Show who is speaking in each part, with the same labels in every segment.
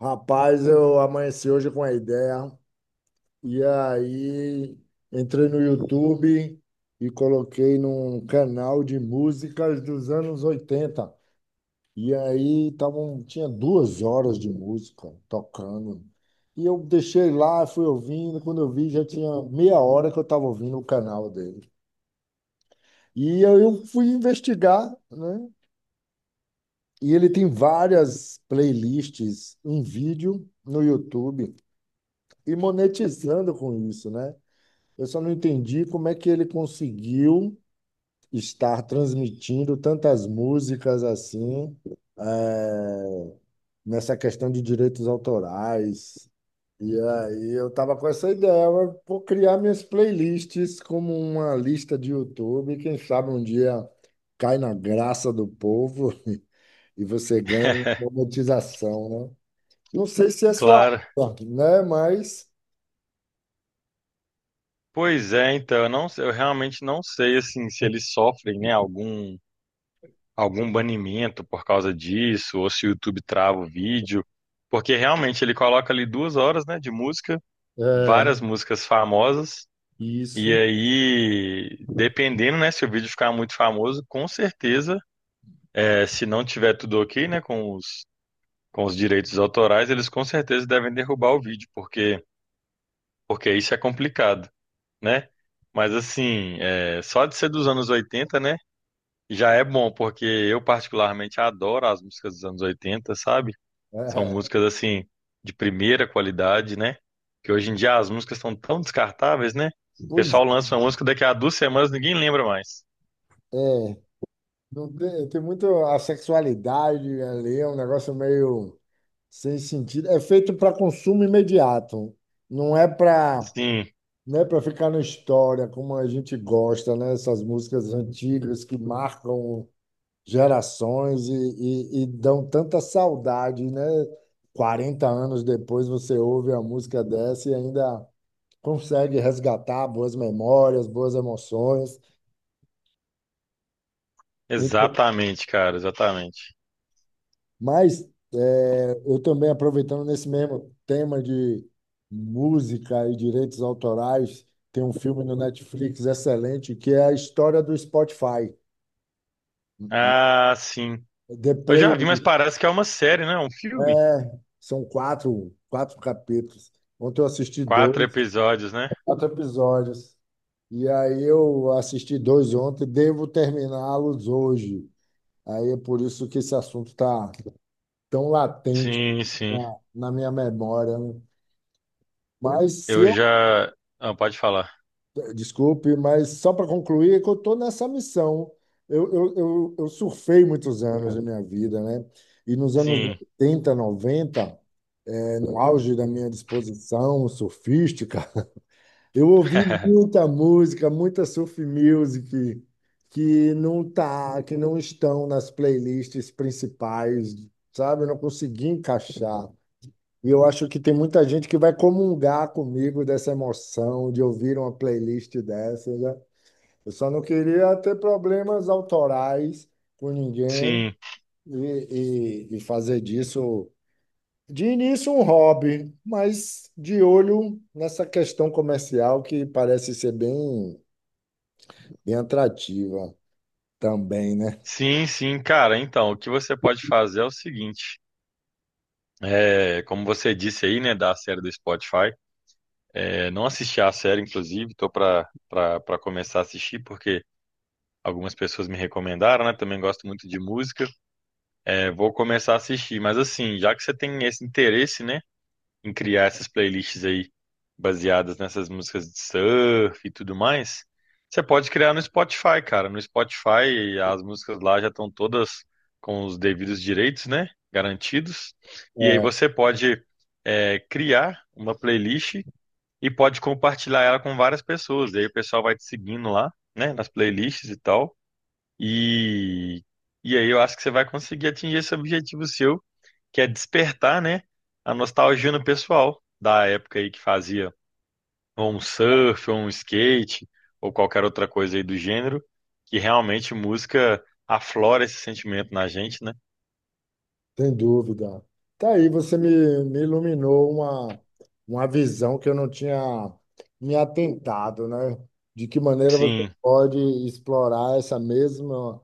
Speaker 1: Rapaz, eu amanheci hoje com a ideia e aí entrei no YouTube e coloquei num canal de músicas dos anos oitenta. E aí tinha 2 horas de música tocando. E eu deixei lá, fui ouvindo. Quando eu vi, já tinha meia hora que eu estava ouvindo o canal dele. E aí eu fui investigar, né? E ele tem várias playlists em vídeo no YouTube. E monetizando com isso, né? Eu só não entendi como é que ele conseguiu estar transmitindo tantas músicas assim, eh, nessa questão de direitos autorais. E aí eu estava com essa ideia, eu vou criar minhas playlists como uma lista de YouTube, quem sabe um dia cai na graça do povo e você ganha uma monetização, né? Não sei se é sua,
Speaker 2: Claro.
Speaker 1: área, né? Mas
Speaker 2: Pois é, então, eu realmente não sei assim se eles sofrem, né, algum banimento por causa disso, ou se o YouTube trava o vídeo, porque realmente ele coloca ali 2 horas, né, de música,
Speaker 1: é
Speaker 2: várias músicas famosas. E
Speaker 1: isso.
Speaker 2: aí dependendo, né, se o vídeo ficar muito famoso, com certeza, é, se não tiver tudo ok, né, com os direitos autorais, eles com certeza devem derrubar o vídeo, porque isso é complicado, né? Mas assim, é, só de ser dos anos 80, né? Já é bom, porque eu particularmente adoro as músicas dos anos 80, sabe? São
Speaker 1: É,
Speaker 2: músicas assim de primeira qualidade, né? Que hoje em dia as músicas estão tão descartáveis, né? O
Speaker 1: pois
Speaker 2: pessoal lança uma música, daqui a 2 semanas ninguém lembra mais.
Speaker 1: é, não tem, tem muito a sexualidade ali, é um negócio meio sem sentido. É feito para consumo imediato, não é para
Speaker 2: Sim,
Speaker 1: não é para ficar na história como a gente gosta, né? Essas músicas antigas que marcam gerações e dão tanta saudade, né? 40 anos depois você ouve a música dessa e ainda consegue resgatar boas memórias, boas emoções. Então,
Speaker 2: exatamente, cara, exatamente.
Speaker 1: mas eu também, aproveitando nesse mesmo tema de música e direitos autorais, tem um filme no Netflix excelente que é a história do Spotify.
Speaker 2: Ah, sim.
Speaker 1: The
Speaker 2: Eu já vi, mas
Speaker 1: Playlist.
Speaker 2: parece que é uma série, né? Um filme.
Speaker 1: É, são quatro capítulos. Ontem eu assisti
Speaker 2: Quatro
Speaker 1: dois,
Speaker 2: episódios, né?
Speaker 1: quatro episódios. E aí eu assisti dois ontem, devo terminá-los hoje. Aí é por isso que esse assunto está tão latente
Speaker 2: Sim, sim.
Speaker 1: na minha memória, né? Mas se
Speaker 2: Eu
Speaker 1: eu
Speaker 2: já. Ah, pode falar.
Speaker 1: Desculpe, mas só para concluir, é que eu estou nessa missão. Eu surfei muitos anos da minha vida, né? E nos anos
Speaker 2: Sim.
Speaker 1: 80, 90, no auge da minha disposição surfística, eu ouvi muita música, muita surf music, que não estão nas playlists principais, sabe? Eu não consegui encaixar. E eu acho que tem muita gente que vai comungar comigo dessa emoção de ouvir uma playlist dessa. Eu só não queria ter problemas autorais com ninguém
Speaker 2: Sim,
Speaker 1: e, e fazer disso, de início, um hobby, mas de olho nessa questão comercial que parece ser bem, bem atrativa também, né?
Speaker 2: sim, sim, cara. Então, o que você pode fazer é o seguinte. É, como você disse aí, né, da série do Spotify, é, não assisti a série, inclusive, tô pra começar a assistir, porque algumas pessoas me recomendaram, né, também gosto muito de música. É, vou começar a assistir, mas assim, já que você tem esse interesse, né, em criar essas playlists aí baseadas nessas músicas de surf e tudo mais, você pode criar no Spotify, cara. No Spotify, as músicas lá já estão todas com os devidos direitos, né? Garantidos. E aí
Speaker 1: É.
Speaker 2: você pode, é, criar uma playlist e pode compartilhar ela com várias pessoas. E aí o pessoal vai te seguindo lá, né? Nas playlists e tal. E, e aí eu acho que você vai conseguir atingir esse objetivo seu, que é despertar, né, a nostalgia no pessoal da época aí que fazia ou um surf, ou um skate, ou qualquer outra coisa aí do gênero, que realmente música aflora esse sentimento na gente, né?
Speaker 1: Sem dúvida. Tá aí, você me iluminou uma visão que eu não tinha me atentado, né? De que maneira você
Speaker 2: Sim,
Speaker 1: pode explorar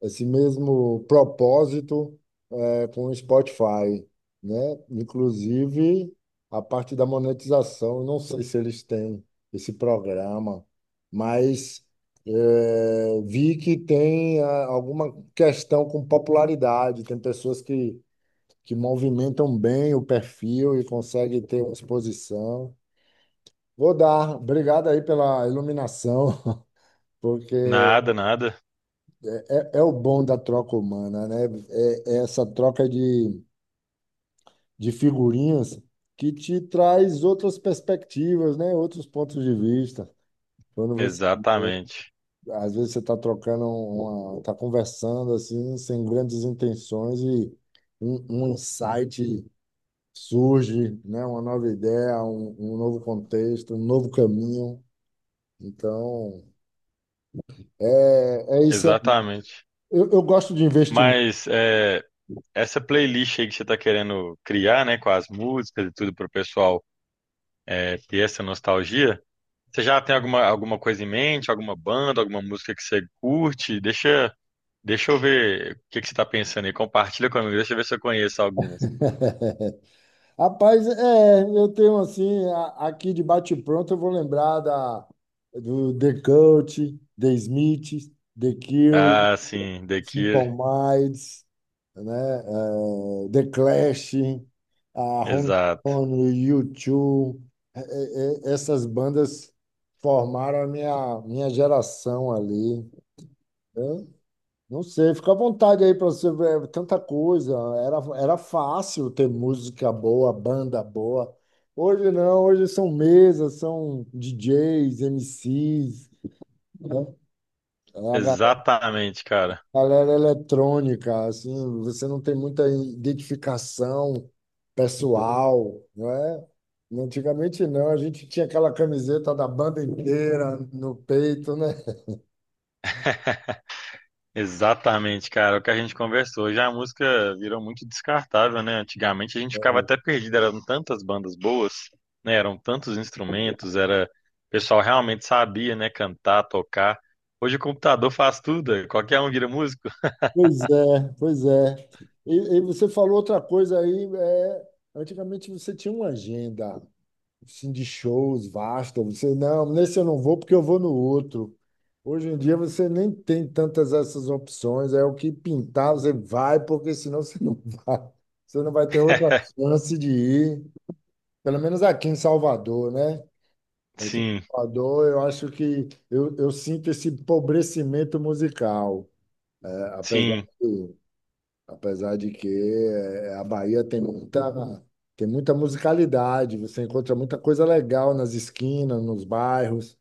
Speaker 1: esse mesmo propósito com o Spotify, né? Inclusive a parte da monetização. Eu não sei se eles têm esse programa, mas vi que tem alguma questão com popularidade. Tem pessoas que movimentam bem o perfil e conseguem ter uma exposição. Vou dar. Obrigado aí pela iluminação, porque
Speaker 2: nada, nada.
Speaker 1: é o bom da troca humana, né? É essa troca de figurinhas que te traz outras perspectivas, né? Outros pontos de vista. Quando você
Speaker 2: Exatamente,
Speaker 1: Às vezes você está está conversando assim, sem grandes intenções, e um insight surge, né, uma nova ideia, um novo contexto, um novo caminho. Então, é isso aí.
Speaker 2: exatamente.
Speaker 1: Eu gosto de investimento.
Speaker 2: Mas é, essa playlist aí que você está querendo criar, né, com as músicas e tudo para o pessoal, é, ter essa nostalgia, você já tem alguma, alguma coisa em mente, alguma banda, alguma música que você curte? Deixa eu ver o que que você está pensando aí. Compartilha comigo, deixa eu ver se eu conheço algumas.
Speaker 1: Rapaz, eu tenho assim, aqui de bate-pronto, eu vou lembrar do The Coach, The Smith, The Curry,
Speaker 2: Ah, sim, The Cure.
Speaker 1: Simple Minds, né? The Clash, a Rolling
Speaker 2: Exato.
Speaker 1: Stone, U2, essas bandas formaram a minha geração ali, né? Não sei, fica à vontade aí para você ver é tanta coisa. Era fácil ter música boa, banda boa. Hoje não, hoje são mesas, são DJs, MCs, né? É a
Speaker 2: Exatamente, cara.
Speaker 1: galera eletrônica, assim, você não tem muita identificação pessoal, não é? Antigamente não, a gente tinha aquela camiseta da banda inteira no peito, né?
Speaker 2: Exatamente, cara. É o que a gente conversou. Hoje a música virou muito descartável, né? Antigamente a gente ficava até perdido, eram tantas bandas boas, né? Eram tantos instrumentos, era... O pessoal realmente sabia, né? Cantar, tocar. Hoje o computador faz tudo, é, qualquer um vira músico.
Speaker 1: Pois é, pois é. E você falou outra coisa aí, antigamente você tinha uma agenda, assim, de shows vasta. Você, não, nesse eu não vou porque eu vou no outro. Hoje em dia você nem tem tantas essas opções, é o que pintar, você vai, porque senão você não vai. Você não vai ter outra chance de ir, pelo menos aqui em Salvador, né? Aqui em
Speaker 2: Sim,
Speaker 1: Salvador, eu acho que eu sinto esse empobrecimento musical, é, apesar
Speaker 2: sim,
Speaker 1: de Apesar de que a Bahia tem muita musicalidade, você encontra muita coisa legal nas esquinas, nos bairros,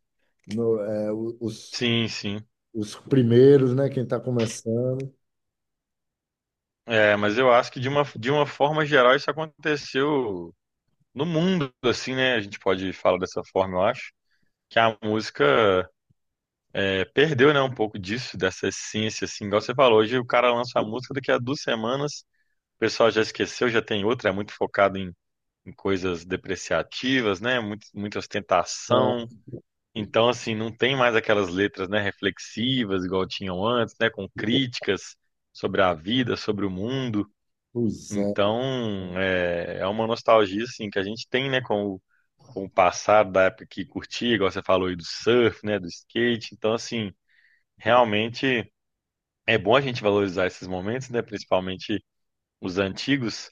Speaker 1: no, eh, o-
Speaker 2: sim, sim.
Speaker 1: os primeiros, né? Quem está começando.
Speaker 2: É, mas eu acho que de uma forma geral isso aconteceu no mundo, assim, né? A gente pode falar dessa forma, eu acho. Que a música, é, perdeu, né, um pouco disso, dessa essência, assim. Igual você falou, hoje o cara lança a música, daqui a duas semanas o pessoal já esqueceu, já tem outra, é muito focado em coisas depreciativas, né? Muito, muita ostentação. Então, assim, não tem mais aquelas letras, né, reflexivas, igual tinham antes, né? Com críticas sobre a vida, sobre o mundo.
Speaker 1: Pois é.
Speaker 2: Então, é, é uma nostalgia assim que a gente tem, né, com o passado da época que curtia, igual você falou aí do surf, né, do skate. Então, assim, realmente é bom a gente valorizar esses momentos, né, principalmente os antigos,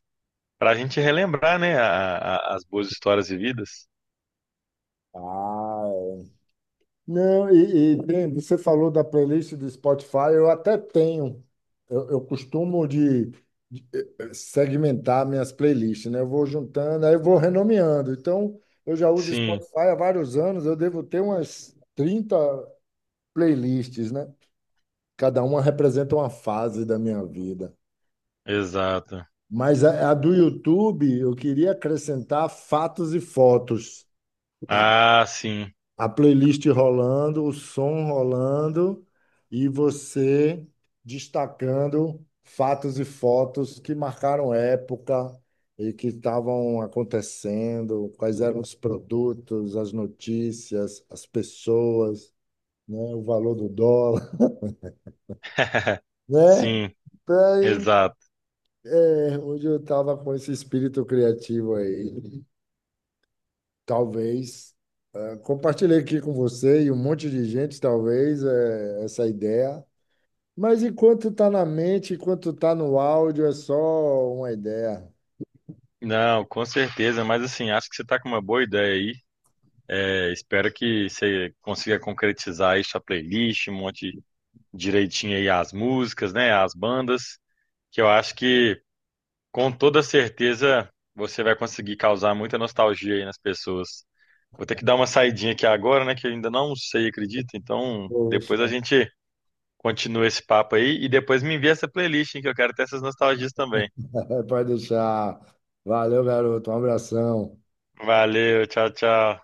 Speaker 2: para a gente relembrar, né, as boas histórias vividas.
Speaker 1: Ah, não, você falou da playlist do Spotify, eu até tenho. Eu costumo segmentar minhas playlists, né? Eu vou juntando, aí eu vou renomeando. Então, eu já uso
Speaker 2: Sim,
Speaker 1: Spotify há vários anos, eu devo ter umas 30 playlists, né? Cada uma representa uma fase da minha vida.
Speaker 2: exato.
Speaker 1: Mas a do YouTube, eu queria acrescentar fatos e fotos.
Speaker 2: Ah, sim.
Speaker 1: A playlist rolando, o som rolando e você destacando fatos e fotos que marcaram época e que estavam acontecendo, quais eram os produtos, as notícias, as pessoas, né, o valor do dólar, né?
Speaker 2: Sim,
Speaker 1: Então,
Speaker 2: exato.
Speaker 1: é onde eu estava com esse espírito criativo aí. Talvez compartilhei aqui com você e um monte de gente, talvez, essa ideia. Mas enquanto tá na mente, enquanto tá no áudio, é só uma ideia.
Speaker 2: Não, com certeza, mas assim, acho que você tá com uma boa ideia. É, espero que você consiga concretizar aí sua playlist, um monte direitinho aí as músicas, né? As bandas, que eu acho que com toda certeza você vai conseguir causar muita nostalgia aí nas pessoas. Vou ter que dar uma saidinha aqui agora, né? Que eu ainda não sei, acredito. Então, depois a
Speaker 1: Poxa,
Speaker 2: gente continua esse papo aí e depois me envia essa playlist, hein, que eu quero ter essas nostalgias também.
Speaker 1: pode deixar. Valeu, garoto. Um abração.
Speaker 2: Valeu, tchau, tchau.